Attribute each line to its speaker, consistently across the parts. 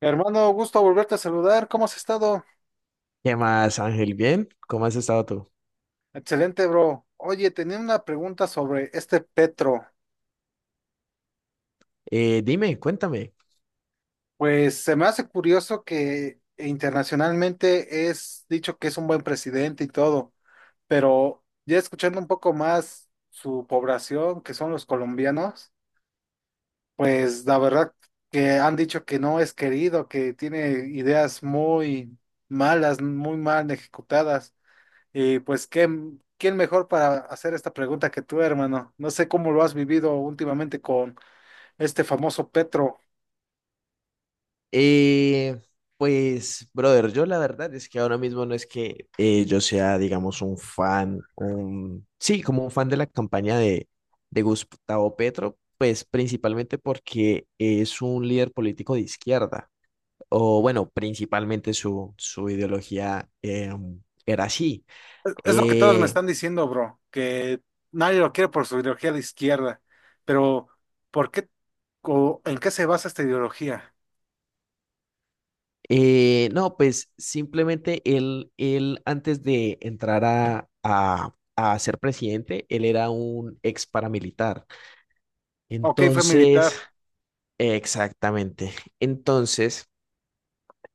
Speaker 1: Hermano, gusto volverte a saludar. ¿Cómo has estado?
Speaker 2: ¿Qué más, Ángel? ¿Bien? ¿Cómo has estado tú?
Speaker 1: Excelente, bro. Oye, tenía una pregunta sobre este Petro.
Speaker 2: Dime, cuéntame.
Speaker 1: Pues se me hace curioso que internacionalmente es dicho que es un buen presidente y todo, pero ya escuchando un poco más su población, que son los colombianos, pues la verdad que han dicho que no es querido, que tiene ideas muy malas, muy mal ejecutadas. Y pues, ¿quién, quién mejor para hacer esta pregunta que tú, hermano? No sé cómo lo has vivido últimamente con este famoso Petro.
Speaker 2: Eh, pues, brother, yo la verdad es que ahora mismo no es que yo sea, digamos, un fan, un... sí, como un fan de la campaña de Gustavo Petro, pues principalmente porque es un líder político de izquierda, o bueno, principalmente su ideología era así.
Speaker 1: Es lo que todos me
Speaker 2: Eh,
Speaker 1: están diciendo, bro, que nadie lo quiere por su ideología de izquierda. Pero, ¿por qué o en qué se basa esta ideología?
Speaker 2: No, pues simplemente él antes de entrar a ser presidente, él era un ex paramilitar.
Speaker 1: Ok, fue militar,
Speaker 2: Entonces, exactamente. Entonces,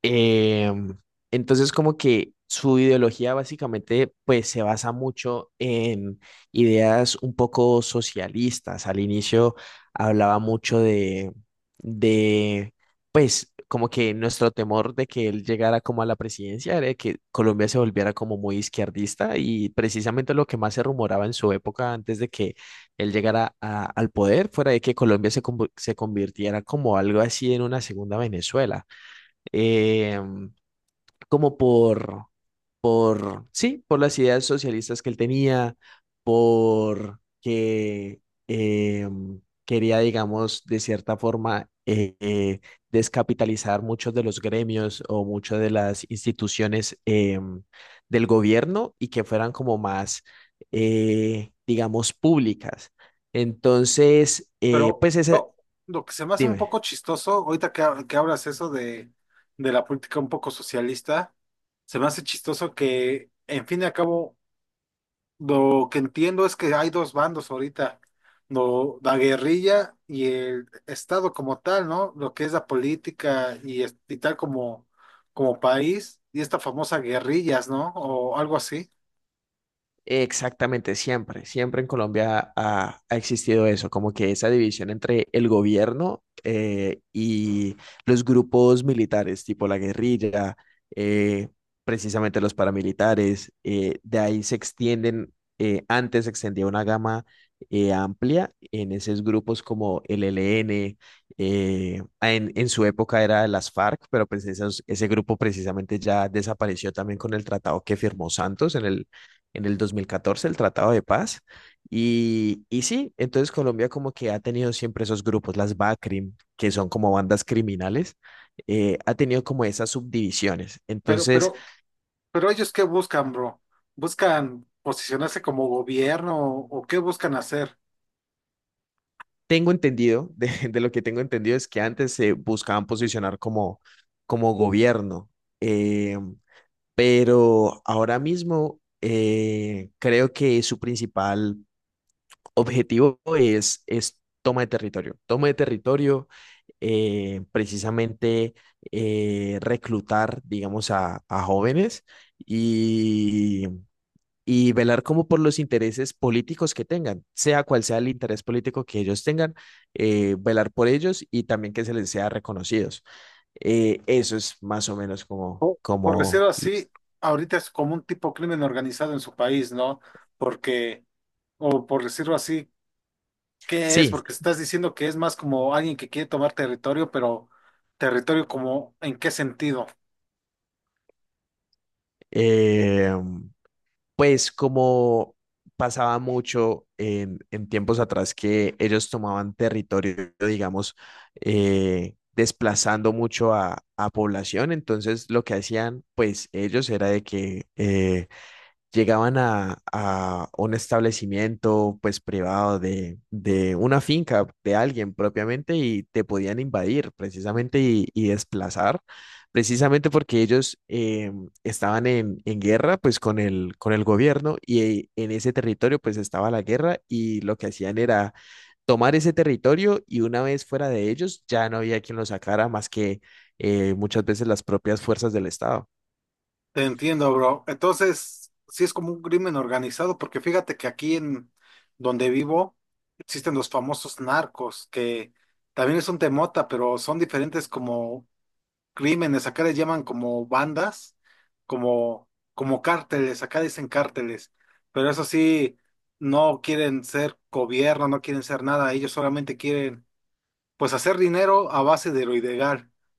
Speaker 2: Em, entonces, como que su ideología básicamente, pues se basa mucho en ideas un poco socialistas. Al inicio hablaba mucho de, pues, como que nuestro temor de que él llegara como a la presidencia era de que Colombia se volviera como muy izquierdista y precisamente lo que más se rumoraba en su época antes de que él llegara al poder fuera de que Colombia se convirtiera como algo así en una segunda Venezuela, eh, como sí, por las ideas socialistas que él tenía, por que eh, quería, digamos, de cierta forma, descapitalizar muchos de los gremios o muchas de las instituciones del gobierno y que fueran como más, digamos, públicas. Entonces,
Speaker 1: pero
Speaker 2: pues esa,
Speaker 1: bro, lo que se me hace un
Speaker 2: dime.
Speaker 1: poco chistoso, ahorita que, ha- que hablas eso de la política un poco socialista, se me hace chistoso que, en fin y al cabo, lo que entiendo es que hay dos bandos ahorita, la guerrilla y el Estado como tal, ¿no? Lo que es la política y, y tal como, como país, y esta famosa guerrillas, ¿no? O algo así.
Speaker 2: Exactamente, siempre, siempre en Colombia ha existido eso, como que esa división entre el gobierno y los grupos militares, tipo la guerrilla, eh, precisamente los paramilitares, de ahí se extienden, antes se extendía una gama amplia en esos grupos como el ELN, en su época era las FARC, pero pues ese grupo precisamente ya desapareció también con el tratado que firmó Santos en el dos mil catorce, el Tratado de Paz. Y sí, entonces Colombia como que ha tenido siempre esos grupos, las BACRIM, que son como bandas criminales, ha tenido como esas subdivisiones.
Speaker 1: Pero,
Speaker 2: Entonces,
Speaker 1: pero, pero ellos ¿qué buscan, bro? ¿Buscan posicionarse como gobierno o qué buscan hacer?
Speaker 2: tengo entendido, de lo que tengo entendido es que antes se buscaban posicionar como, como gobierno, eh, pero ahora mismo creo que su principal objetivo es toma de territorio. Toma de territorio, precisamente reclutar, digamos, a jóvenes y, y velar como por los intereses políticos que tengan, sea cual sea el interés político que ellos tengan, velar por ellos y también que se les sea reconocidos. Eso es más o menos como,
Speaker 1: O, por
Speaker 2: como,
Speaker 1: decirlo así, ahorita es como un tipo crimen organizado en su país, ¿no? Porque, o por decirlo así, ¿qué es?
Speaker 2: sí,
Speaker 1: Porque estás diciendo que es más como alguien que quiere tomar territorio, pero territorio como, ¿en qué sentido?
Speaker 2: eh, pues como pasaba mucho en tiempos atrás que ellos tomaban territorio, digamos, desplazando mucho a población, entonces lo que hacían, pues ellos era de que llegaban a un establecimiento pues privado de una finca de alguien propiamente y te podían invadir precisamente y desplazar, precisamente porque ellos estaban en guerra pues con el gobierno y en ese territorio pues estaba la guerra y lo que hacían era tomar ese territorio y una vez fuera de ellos ya no había quien lo sacara más que muchas veces las propias fuerzas del Estado.
Speaker 1: Te entiendo, bro. Entonces, sí es como un crimen organizado, porque fíjate que aquí en donde vivo existen los famosos narcos, que también es un temota, pero son diferentes como crímenes. Acá les llaman como bandas, como, como cárteles, acá dicen cárteles, pero eso sí, no quieren ser gobierno, no quieren ser nada, ellos solamente quieren pues hacer dinero a base de lo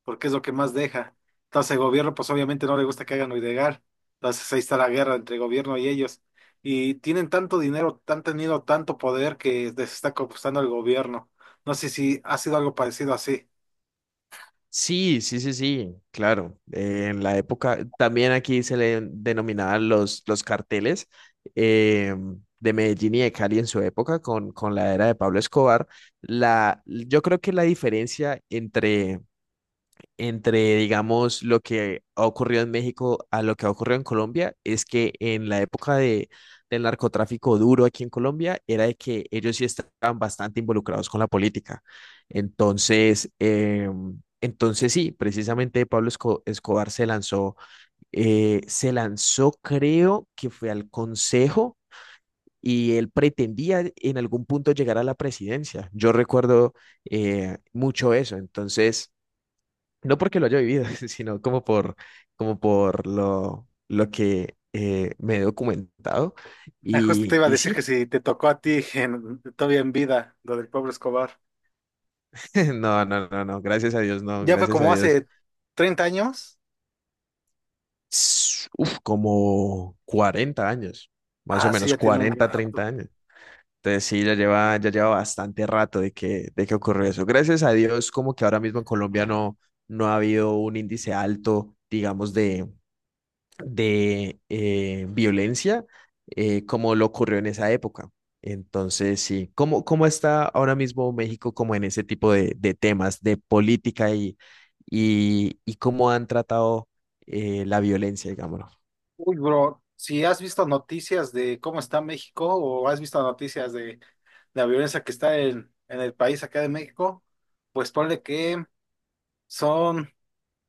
Speaker 1: porque es lo que más deja. Entonces el gobierno, pues obviamente no le gusta que hagan lo. Entonces ahí está la guerra entre el gobierno y ellos. Y tienen tanto dinero, han tenido tanto poder que les está costando el gobierno. No sé si ha sido algo parecido así.
Speaker 2: Sí, sí, sí, sí, claro. En la época, también aquí se le denominaban los carteles eh, de Medellín y de Cali en su época con la era de Pablo Escobar. La, yo creo que la diferencia entre, digamos, lo que ha ocurrido en México a lo que ha ocurrido en Colombia es que en la época del narcotráfico duro aquí en Colombia era de que ellos sí estaban bastante involucrados con la política. Entonces, entonces sí, precisamente Escobar se lanzó, creo que fue al Consejo. Y él pretendía en algún punto llegar a la presidencia. Yo recuerdo mucho eso. Entonces, no porque lo haya vivido, sino como por, como por lo que me he documentado.
Speaker 1: Ah, justo te iba a
Speaker 2: Y
Speaker 1: decir que
Speaker 2: sí,
Speaker 1: si te tocó a ti en, todavía en vida, lo del pobre Escobar.
Speaker 2: no, no, no, no, gracias a Dios, no,
Speaker 1: Ya fue
Speaker 2: gracias a
Speaker 1: como
Speaker 2: Dios.
Speaker 1: hace 30 años.
Speaker 2: S- Uf, como 40 años, más o
Speaker 1: Ah, sí,
Speaker 2: menos
Speaker 1: ya tiene un
Speaker 2: 40 30
Speaker 1: rato.
Speaker 2: años. Entonces sí, ya lleva bastante rato de que ocurrió eso. Gracias a Dios, como que ahora mismo en Colombia no, no ha habido un índice alto, digamos, de violencia como lo ocurrió en esa época. Entonces, sí, ¿cómo, cómo está ahora mismo México como en ese tipo de temas de política y cómo han tratado la violencia, digámoslo?
Speaker 1: Uy, bro, si has visto noticias de cómo está México o has visto noticias de la violencia que está en el país acá de México, pues ponle que son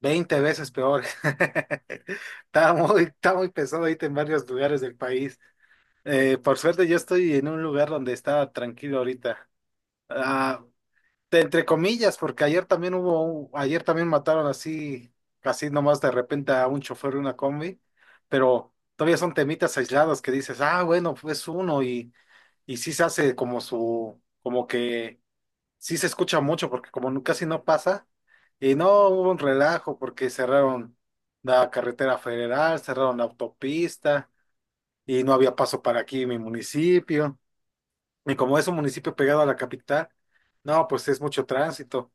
Speaker 1: 20 veces peor. Está muy pesado ahorita en varios lugares del país. Por suerte yo estoy en un lugar donde está tranquilo ahorita. Ah, de- entre comillas, porque ayer también hubo, ayer también mataron así, casi nomás de repente a un chofer de una combi, pero todavía son temitas aislados que dices, ah, bueno, pues uno y sí se hace como su, como que sí se escucha mucho porque como casi no pasa, y no hubo un relajo porque cerraron la carretera federal, cerraron la autopista y no había paso para aquí en mi municipio, y como es un municipio pegado a la capital, no, pues es mucho tránsito.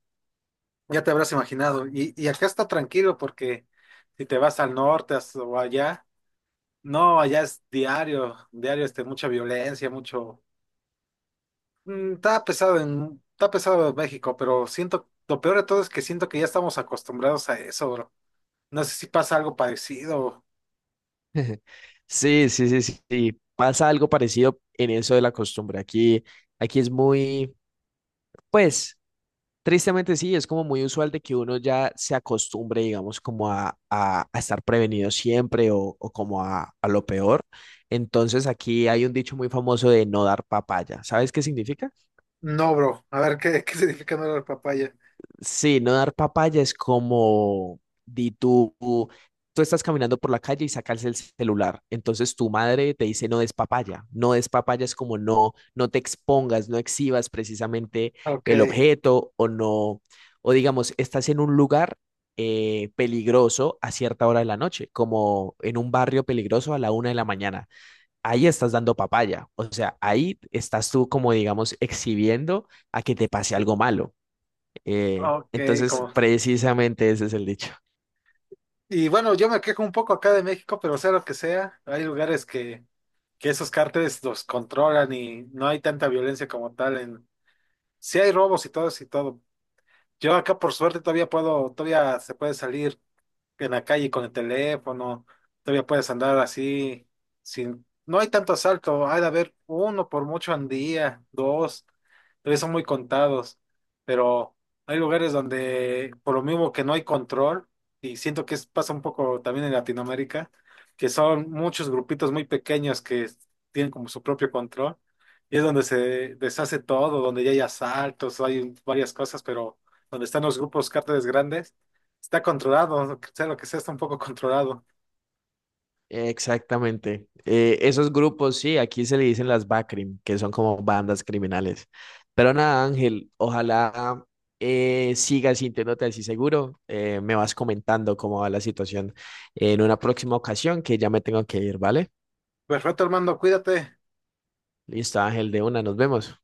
Speaker 1: Ya te habrás imaginado. Y acá está tranquilo porque si te vas al norte o allá, no, allá es diario, diario este, mucha violencia, mucho... Mm, está pesado en México, pero siento, lo peor de todo es que siento que ya estamos acostumbrados a eso, bro. No sé si pasa algo parecido.
Speaker 2: Sí, sí, sí, sí, sí. Pasa algo parecido en eso de la costumbre. Aquí, aquí es muy, pues, tristemente sí, es como muy usual de que uno ya se acostumbre, digamos, como a estar prevenido siempre o como a lo peor. Entonces aquí hay un dicho muy famoso de no dar papaya. ¿Sabes qué significa?
Speaker 1: No, bro. A ver, ¿qué, qué significa no la papaya?
Speaker 2: Sí, no dar papaya es como, di tú, tú estás caminando por la calle y sacas el celular. Entonces tu madre te dice no des papaya. No des papaya es como no, no te expongas, no exhibas precisamente
Speaker 1: Ok,
Speaker 2: el objeto o no, o digamos, estás en un lugar peligroso a cierta hora de la noche, como en un barrio peligroso a la una de la mañana. Ahí estás dando papaya. O sea, ahí estás tú como, digamos, exhibiendo a que te pase algo malo.
Speaker 1: ok,
Speaker 2: Entonces,
Speaker 1: como...
Speaker 2: precisamente ese es el dicho.
Speaker 1: Y bueno, yo me quejo un poco acá de México, pero sea lo que sea, hay lugares que esos cárteles los controlan y no hay tanta violencia como tal en sí hay robos y todo eso y todo. Yo acá por suerte todavía puedo, todavía se puede salir, en la calle con el teléfono, todavía puedes andar así, sin, no hay tanto asalto, hay de haber uno por mucho al día, dos, todavía son muy contados, pero hay lugares donde por lo mismo que no hay control, y siento que pasa un poco también en Latinoamérica, que son muchos grupitos muy pequeños que tienen como su propio control, y es donde se deshace todo, donde ya hay asaltos, hay varias cosas, pero donde están los grupos cárteles grandes está controlado, sea lo que sea, está un poco controlado.
Speaker 2: Exactamente. Esos grupos, sí, aquí se le dicen las BACRIM, que son como bandas criminales. Pero nada, Ángel, ojalá sigas sintiéndote así seguro. Me vas comentando cómo va la situación en una próxima ocasión, que ya me tengo que ir, ¿vale?
Speaker 1: Perfecto, Armando, cuídate.
Speaker 2: Listo, Ángel, de una, nos vemos.